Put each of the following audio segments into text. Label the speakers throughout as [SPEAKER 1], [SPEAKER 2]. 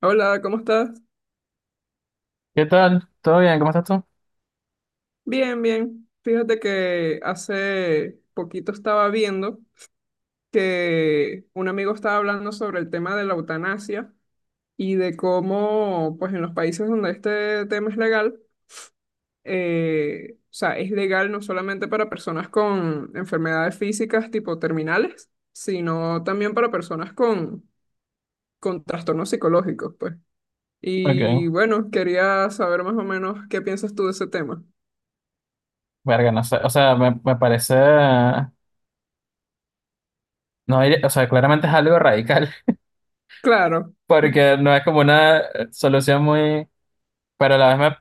[SPEAKER 1] Hola, ¿cómo estás?
[SPEAKER 2] ¿Qué tal? ¿Todo bien? ¿Cómo estás tú?
[SPEAKER 1] Bien, bien. Fíjate que hace poquito estaba viendo que un amigo estaba hablando sobre el tema de la eutanasia y de cómo, pues en los países donde este tema es legal, o sea, es legal no solamente para personas con enfermedades físicas tipo terminales, sino también para personas con trastornos psicológicos, pues.
[SPEAKER 2] Ok,
[SPEAKER 1] Y bueno, quería saber más o menos qué piensas tú de ese tema.
[SPEAKER 2] verga, no sé, o sea, me parece, no, o sea, claramente es algo radical.
[SPEAKER 1] Claro.
[SPEAKER 2] Porque no es como una solución muy, pero a la vez me,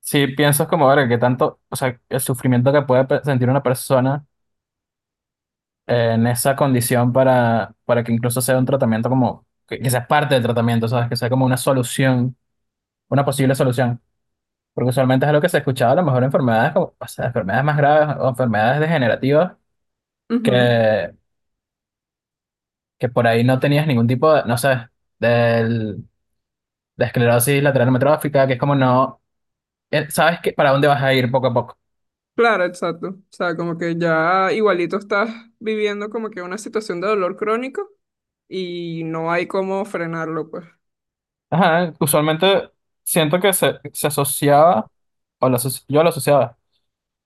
[SPEAKER 2] sí pienso como, verga, que tanto, o sea, el sufrimiento que puede sentir una persona en esa condición para que incluso sea un tratamiento como, que sea parte del tratamiento, ¿sabes? Que sea como una solución, una posible solución, porque usualmente es lo que se escuchaba, a lo mejor enfermedades como, o sea, enfermedades más graves o enfermedades degenerativas
[SPEAKER 1] Ujú.
[SPEAKER 2] que que por ahí no tenías ningún tipo de, no sé, del, de esclerosis lateral amiotrófica, que es como no, sabes que para dónde vas a ir poco a poco.
[SPEAKER 1] Claro, exacto. O sea, como que ya igualito estás viviendo como que una situación de dolor crónico y no hay cómo frenarlo, pues.
[SPEAKER 2] Ajá, usualmente siento que se asociaba, yo lo asociaba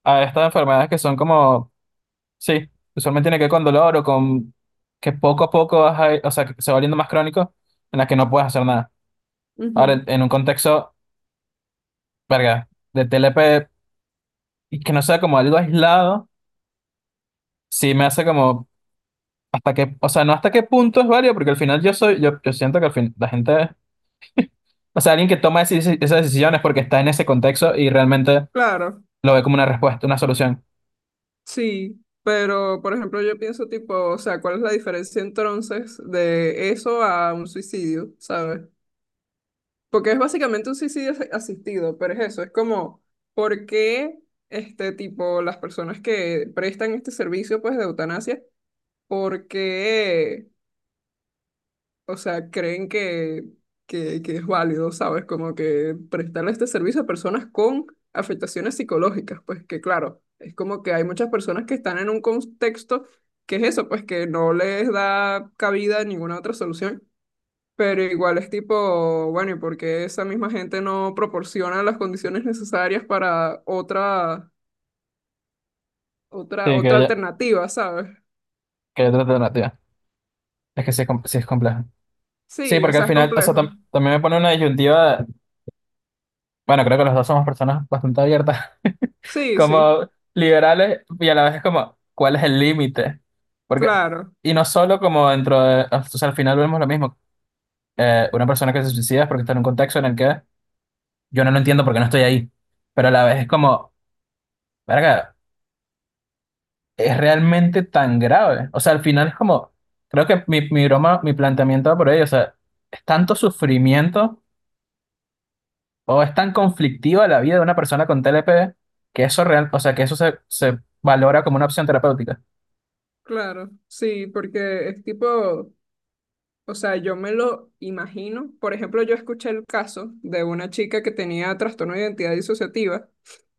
[SPEAKER 2] a estas enfermedades que son como, sí, usualmente tiene que ver con dolor o con que poco a poco o sea, que se va volviendo más crónico, en las que no puedes hacer nada. Ahora, en,
[SPEAKER 1] Ujú.
[SPEAKER 2] en un contexto, verga, de TLP, y que no sea como algo aislado, sí me hace como hasta qué, o sea, no hasta qué punto es válido, porque al final yo soy, yo siento que al fin la gente, o sea, alguien que toma esas decisiones porque está en ese contexto y realmente
[SPEAKER 1] Claro,
[SPEAKER 2] lo ve como una respuesta, una solución.
[SPEAKER 1] sí. Pero, por ejemplo, yo pienso tipo, o sea, ¿cuál es la diferencia entonces de eso a un suicidio? ¿Sabes? Porque es básicamente un suicidio asistido, pero es eso, es como, ¿por qué este tipo, las personas que prestan este servicio, pues, de eutanasia? Porque, o sea, creen que, que es válido, ¿sabes? Como que prestarle este servicio a personas con afectaciones psicológicas, pues que claro, es como que hay muchas personas que están en un contexto que es eso, pues que no les da cabida a ninguna otra solución. Pero igual es tipo, bueno, ¿y por qué esa misma gente no proporciona las condiciones necesarias para otra, otra,
[SPEAKER 2] Sí,
[SPEAKER 1] otra alternativa? ¿Sabes?
[SPEAKER 2] que haya otra alternativa. Es que sí es, sí es complejo. Sí,
[SPEAKER 1] Sí, o
[SPEAKER 2] porque al
[SPEAKER 1] sea, es
[SPEAKER 2] final, o sea,
[SPEAKER 1] complejo.
[SPEAKER 2] también me pone una disyuntiva, bueno, creo que los dos somos personas bastante abiertas,
[SPEAKER 1] Sí, sí,
[SPEAKER 2] como liberales, y a la vez es como, ¿cuál es el límite? Porque,
[SPEAKER 1] claro.
[SPEAKER 2] y no solo como dentro de, o sea, al final vemos lo mismo, una persona que se suicida es porque está en un contexto en el que yo no lo entiendo porque no estoy ahí, pero a la vez es como, verga, es realmente tan grave. O sea, al final es como, creo que mi, broma, mi planteamiento va por ahí, o sea, es tanto sufrimiento o es tan conflictiva la vida de una persona con TLP que eso real, o sea, que eso se valora como una opción terapéutica.
[SPEAKER 1] Claro, sí, porque es tipo, o sea, yo me lo imagino. Por ejemplo, yo escuché el caso de una chica que tenía trastorno de identidad disociativa,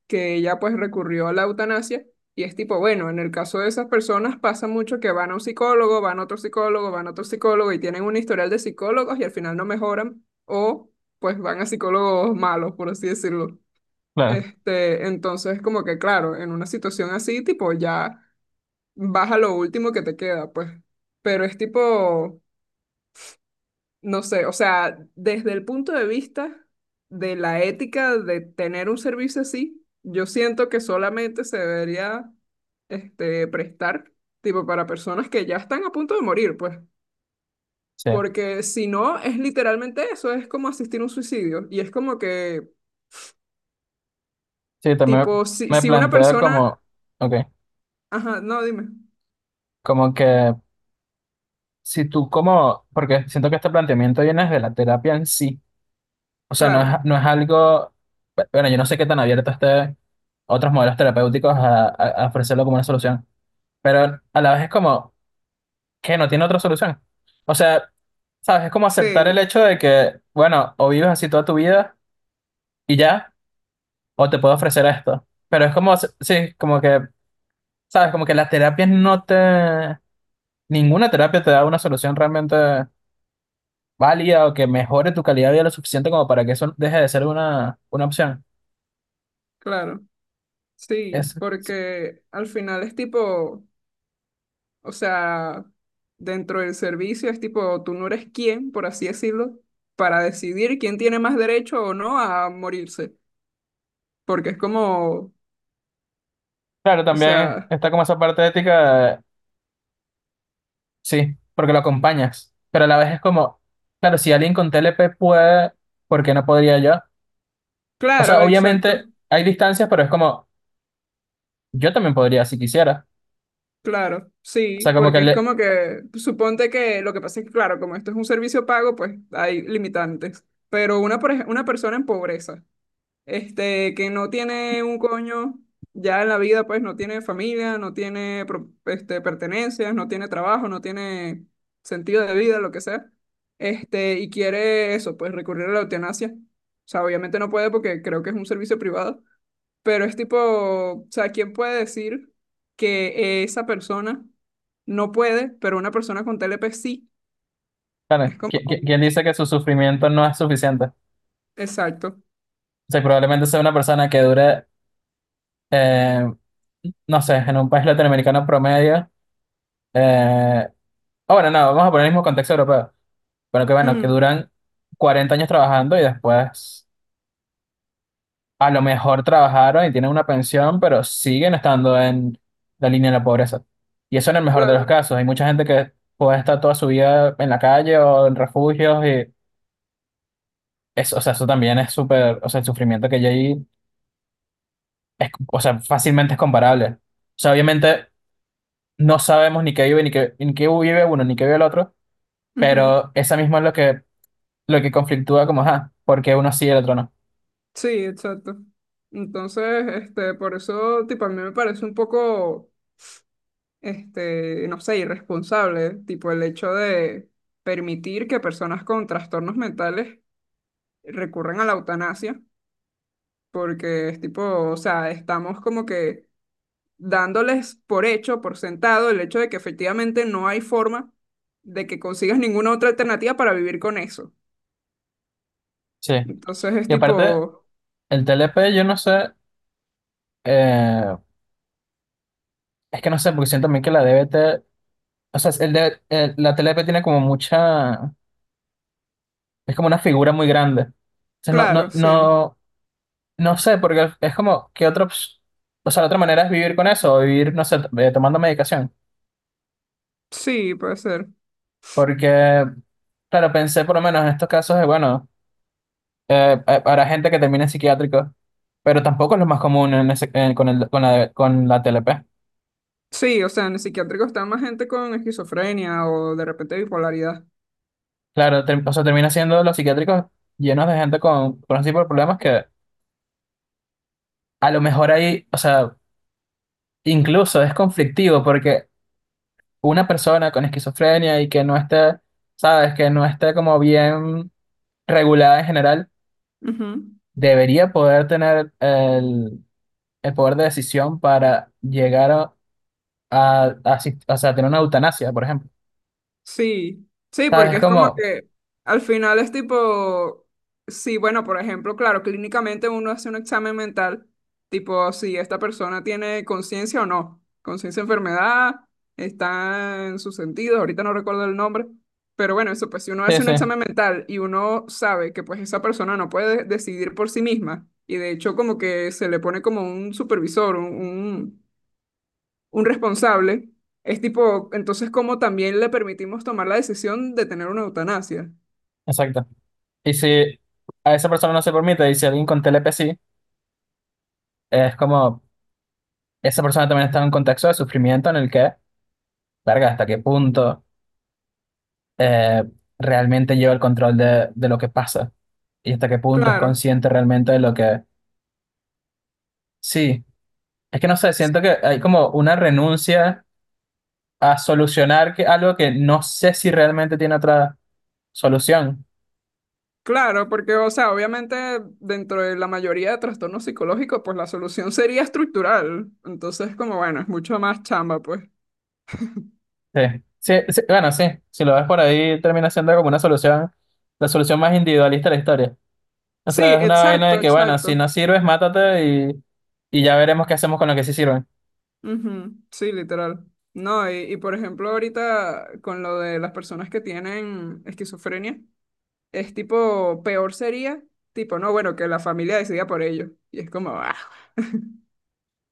[SPEAKER 1] que ella pues recurrió a la eutanasia y es tipo, bueno, en el caso de esas personas pasa mucho que van a un psicólogo, van a otro psicólogo, van a otro psicólogo y tienen un historial de psicólogos y al final no mejoran o pues van a psicólogos malos, por así decirlo.
[SPEAKER 2] Claro.
[SPEAKER 1] Este, entonces como que claro, en una situación así, tipo ya vas a lo último que te queda, pues. Pero es tipo, no sé, o sea, desde el punto de vista de la ética de tener un servicio así, yo siento que solamente se debería, este, prestar, tipo, para personas que ya están a punto de morir, pues.
[SPEAKER 2] Sí,
[SPEAKER 1] Porque si no, es literalmente eso, es como asistir a un suicidio. Y es como que,
[SPEAKER 2] sí, también
[SPEAKER 1] tipo, si,
[SPEAKER 2] me
[SPEAKER 1] si una
[SPEAKER 2] plantea
[SPEAKER 1] persona,
[SPEAKER 2] como, ok,
[SPEAKER 1] ajá, no, dime,
[SPEAKER 2] como que si tú como, porque siento que este planteamiento viene de la terapia en sí. O sea, no es,
[SPEAKER 1] claro,
[SPEAKER 2] no es algo, bueno, yo no sé qué tan abierto esté otros modelos terapéuticos a ofrecerlo como una solución, pero a la vez es como que no tiene otra solución. O sea, ¿sabes? Es como aceptar el
[SPEAKER 1] sí,
[SPEAKER 2] hecho de que, bueno, o vives así toda tu vida y ya, o te puedo ofrecer esto. Pero es como, sí, como que, ¿sabes? Como que las terapias no te, ninguna terapia te da una solución realmente válida o que mejore tu calidad de vida lo suficiente como para que eso deje de ser una opción.
[SPEAKER 1] claro,
[SPEAKER 2] Es,
[SPEAKER 1] sí,
[SPEAKER 2] sí,
[SPEAKER 1] porque al final es tipo... O sea, dentro del servicio es tipo, tú no eres quién, por así decirlo, para decidir quién tiene más derecho o no a morirse. Porque es como,
[SPEAKER 2] Claro,
[SPEAKER 1] o
[SPEAKER 2] también
[SPEAKER 1] sea,
[SPEAKER 2] está como esa parte ética, sí, porque lo acompañas, pero a la vez es como, claro, si alguien con TLP puede, ¿por qué no podría yo? O sea,
[SPEAKER 1] claro,
[SPEAKER 2] obviamente
[SPEAKER 1] exacto,
[SPEAKER 2] hay distancias, pero es como, yo también podría si quisiera.
[SPEAKER 1] claro,
[SPEAKER 2] O sea,
[SPEAKER 1] sí,
[SPEAKER 2] como que
[SPEAKER 1] porque es
[SPEAKER 2] le,
[SPEAKER 1] como que, suponte que lo que pasa es que, claro, como esto es un servicio pago, pues hay limitantes. Pero una persona en pobreza. Este, que no tiene un coño ya en la vida, pues no tiene familia, no tiene este, pertenencias, no tiene trabajo, no tiene sentido de vida, lo que sea, este, y quiere eso, pues recurrir a la eutanasia. O sea, obviamente no puede porque creo que es un servicio privado, pero es tipo, o sea, ¿quién puede decir que esa persona no puede, pero una persona con TLP sí?
[SPEAKER 2] claro,
[SPEAKER 1] Es como,
[SPEAKER 2] ¿quién dice que su sufrimiento no es suficiente? O
[SPEAKER 1] exacto.
[SPEAKER 2] sea, probablemente sea una persona que dure, eh, no sé, en un país latinoamericano promedio, eh, ah, bueno, no, vamos a poner el mismo contexto europeo, pero que bueno, que
[SPEAKER 1] Mm,
[SPEAKER 2] duran 40 años trabajando y después, a lo mejor, trabajaron y tienen una pensión, pero siguen estando en la línea de la pobreza. Y eso en el mejor de los
[SPEAKER 1] claro.
[SPEAKER 2] casos. Hay mucha gente que puede estar toda su vida en la calle o en refugios y eso. O sea, eso también es súper, o sea, el sufrimiento que hay ahí es, o sea, fácilmente es comparable. O sea, obviamente no sabemos ni qué vive ni qué, vive uno ni qué vive el otro,
[SPEAKER 1] Ujú.
[SPEAKER 2] pero esa misma es lo que conflictúa como, ah, porque uno sí y el otro no.
[SPEAKER 1] Sí, exacto. Entonces, este, por eso, tipo, a mí me parece un poco, este, no sé, irresponsable, tipo, el hecho de permitir que personas con trastornos mentales recurran a la eutanasia, porque es tipo, o sea, estamos como que dándoles por hecho, por sentado, el hecho de que efectivamente no hay forma de que consigas ninguna otra alternativa para vivir con eso.
[SPEAKER 2] Sí.
[SPEAKER 1] Entonces, es
[SPEAKER 2] Y aparte,
[SPEAKER 1] tipo,
[SPEAKER 2] el TLP, yo no sé, eh, es que no sé, porque siento también que la DBT. O sea, la TLP tiene como mucha, es como una figura muy grande. O sea, no, no,
[SPEAKER 1] claro, sí,
[SPEAKER 2] no, no sé, porque es como que otra, o sea, la otra manera es vivir con eso, o vivir, no sé, tomando medicación.
[SPEAKER 1] sí, puede ser.
[SPEAKER 2] Porque, claro, pensé por lo menos en estos casos de, bueno, para gente que termina en psiquiátrico, pero tampoco es lo más común en con el, con la TLP.
[SPEAKER 1] Sí, o sea, en el psiquiátrico está más gente con esquizofrenia o de repente bipolaridad.
[SPEAKER 2] Claro, o sea, termina siendo los psiquiátricos llenos de gente con ese tipo de problemas que a lo mejor ahí, o sea, incluso es conflictivo, porque una persona con esquizofrenia y que no esté, sabes, que no esté como bien regulada en general,
[SPEAKER 1] Ujú.
[SPEAKER 2] debería poder tener el, poder de decisión para llegar o sea, tener una eutanasia, por ejemplo.
[SPEAKER 1] Sí, sí,
[SPEAKER 2] Sabes,
[SPEAKER 1] porque
[SPEAKER 2] es
[SPEAKER 1] es como
[SPEAKER 2] como,
[SPEAKER 1] que al final es tipo, sí, bueno, por ejemplo, claro, clínicamente uno hace un examen mental, tipo si esta persona tiene conciencia o no, conciencia de enfermedad, está en sus sentidos, ahorita no recuerdo el nombre, pero bueno, eso, pues si uno
[SPEAKER 2] sí,
[SPEAKER 1] hace un
[SPEAKER 2] sí,
[SPEAKER 1] examen mental y uno sabe que pues esa persona no puede decidir por sí misma, y de hecho como que se le pone como un supervisor, un responsable. Es tipo, entonces, ¿cómo también le permitimos tomar la decisión de tener una eutanasia?
[SPEAKER 2] exacto. Y si a esa persona no se permite, y si alguien con TLP sí, es como, esa persona también está en un contexto de sufrimiento en el que, verga, ¿hasta qué punto eh, realmente lleva el control de lo que pasa y hasta qué punto es
[SPEAKER 1] Claro,
[SPEAKER 2] consciente realmente de lo que...? Sí, es que no sé, siento que hay como una renuncia a solucionar que, algo que no sé si realmente tiene otra solución.
[SPEAKER 1] claro, porque, o sea, obviamente dentro de la mayoría de trastornos psicológicos, pues la solución sería estructural. Entonces, como, bueno, es mucho más chamba, pues.
[SPEAKER 2] Sí, sí, sí, bueno, sí, si lo ves por ahí termina siendo como una solución, la solución más individualista de la historia. O
[SPEAKER 1] Sí,
[SPEAKER 2] sea, es una vaina
[SPEAKER 1] exacto,
[SPEAKER 2] de que, bueno, si
[SPEAKER 1] exacto.
[SPEAKER 2] no sirves, mátate y ya veremos qué hacemos con lo que sí sirven.
[SPEAKER 1] Ujú, sí, literal. No, y por ejemplo, ahorita con lo de las personas que tienen esquizofrenia, es tipo, peor sería, tipo, no, bueno, que la familia decida por ellos. Y es como, ah.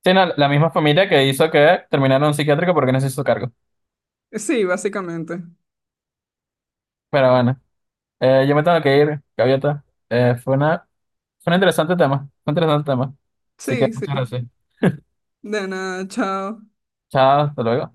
[SPEAKER 2] Sí, no, la misma familia que hizo que terminara en un psiquiátrico porque no se hizo cargo.
[SPEAKER 1] Sí, básicamente.
[SPEAKER 2] Pero bueno. Yo me tengo que ir, Gaviota. Fue una, fue un interesante tema, fue un interesante tema. Así que
[SPEAKER 1] Sí, sí.
[SPEAKER 2] muchas gracias.
[SPEAKER 1] De nada, chao.
[SPEAKER 2] Chao, hasta luego.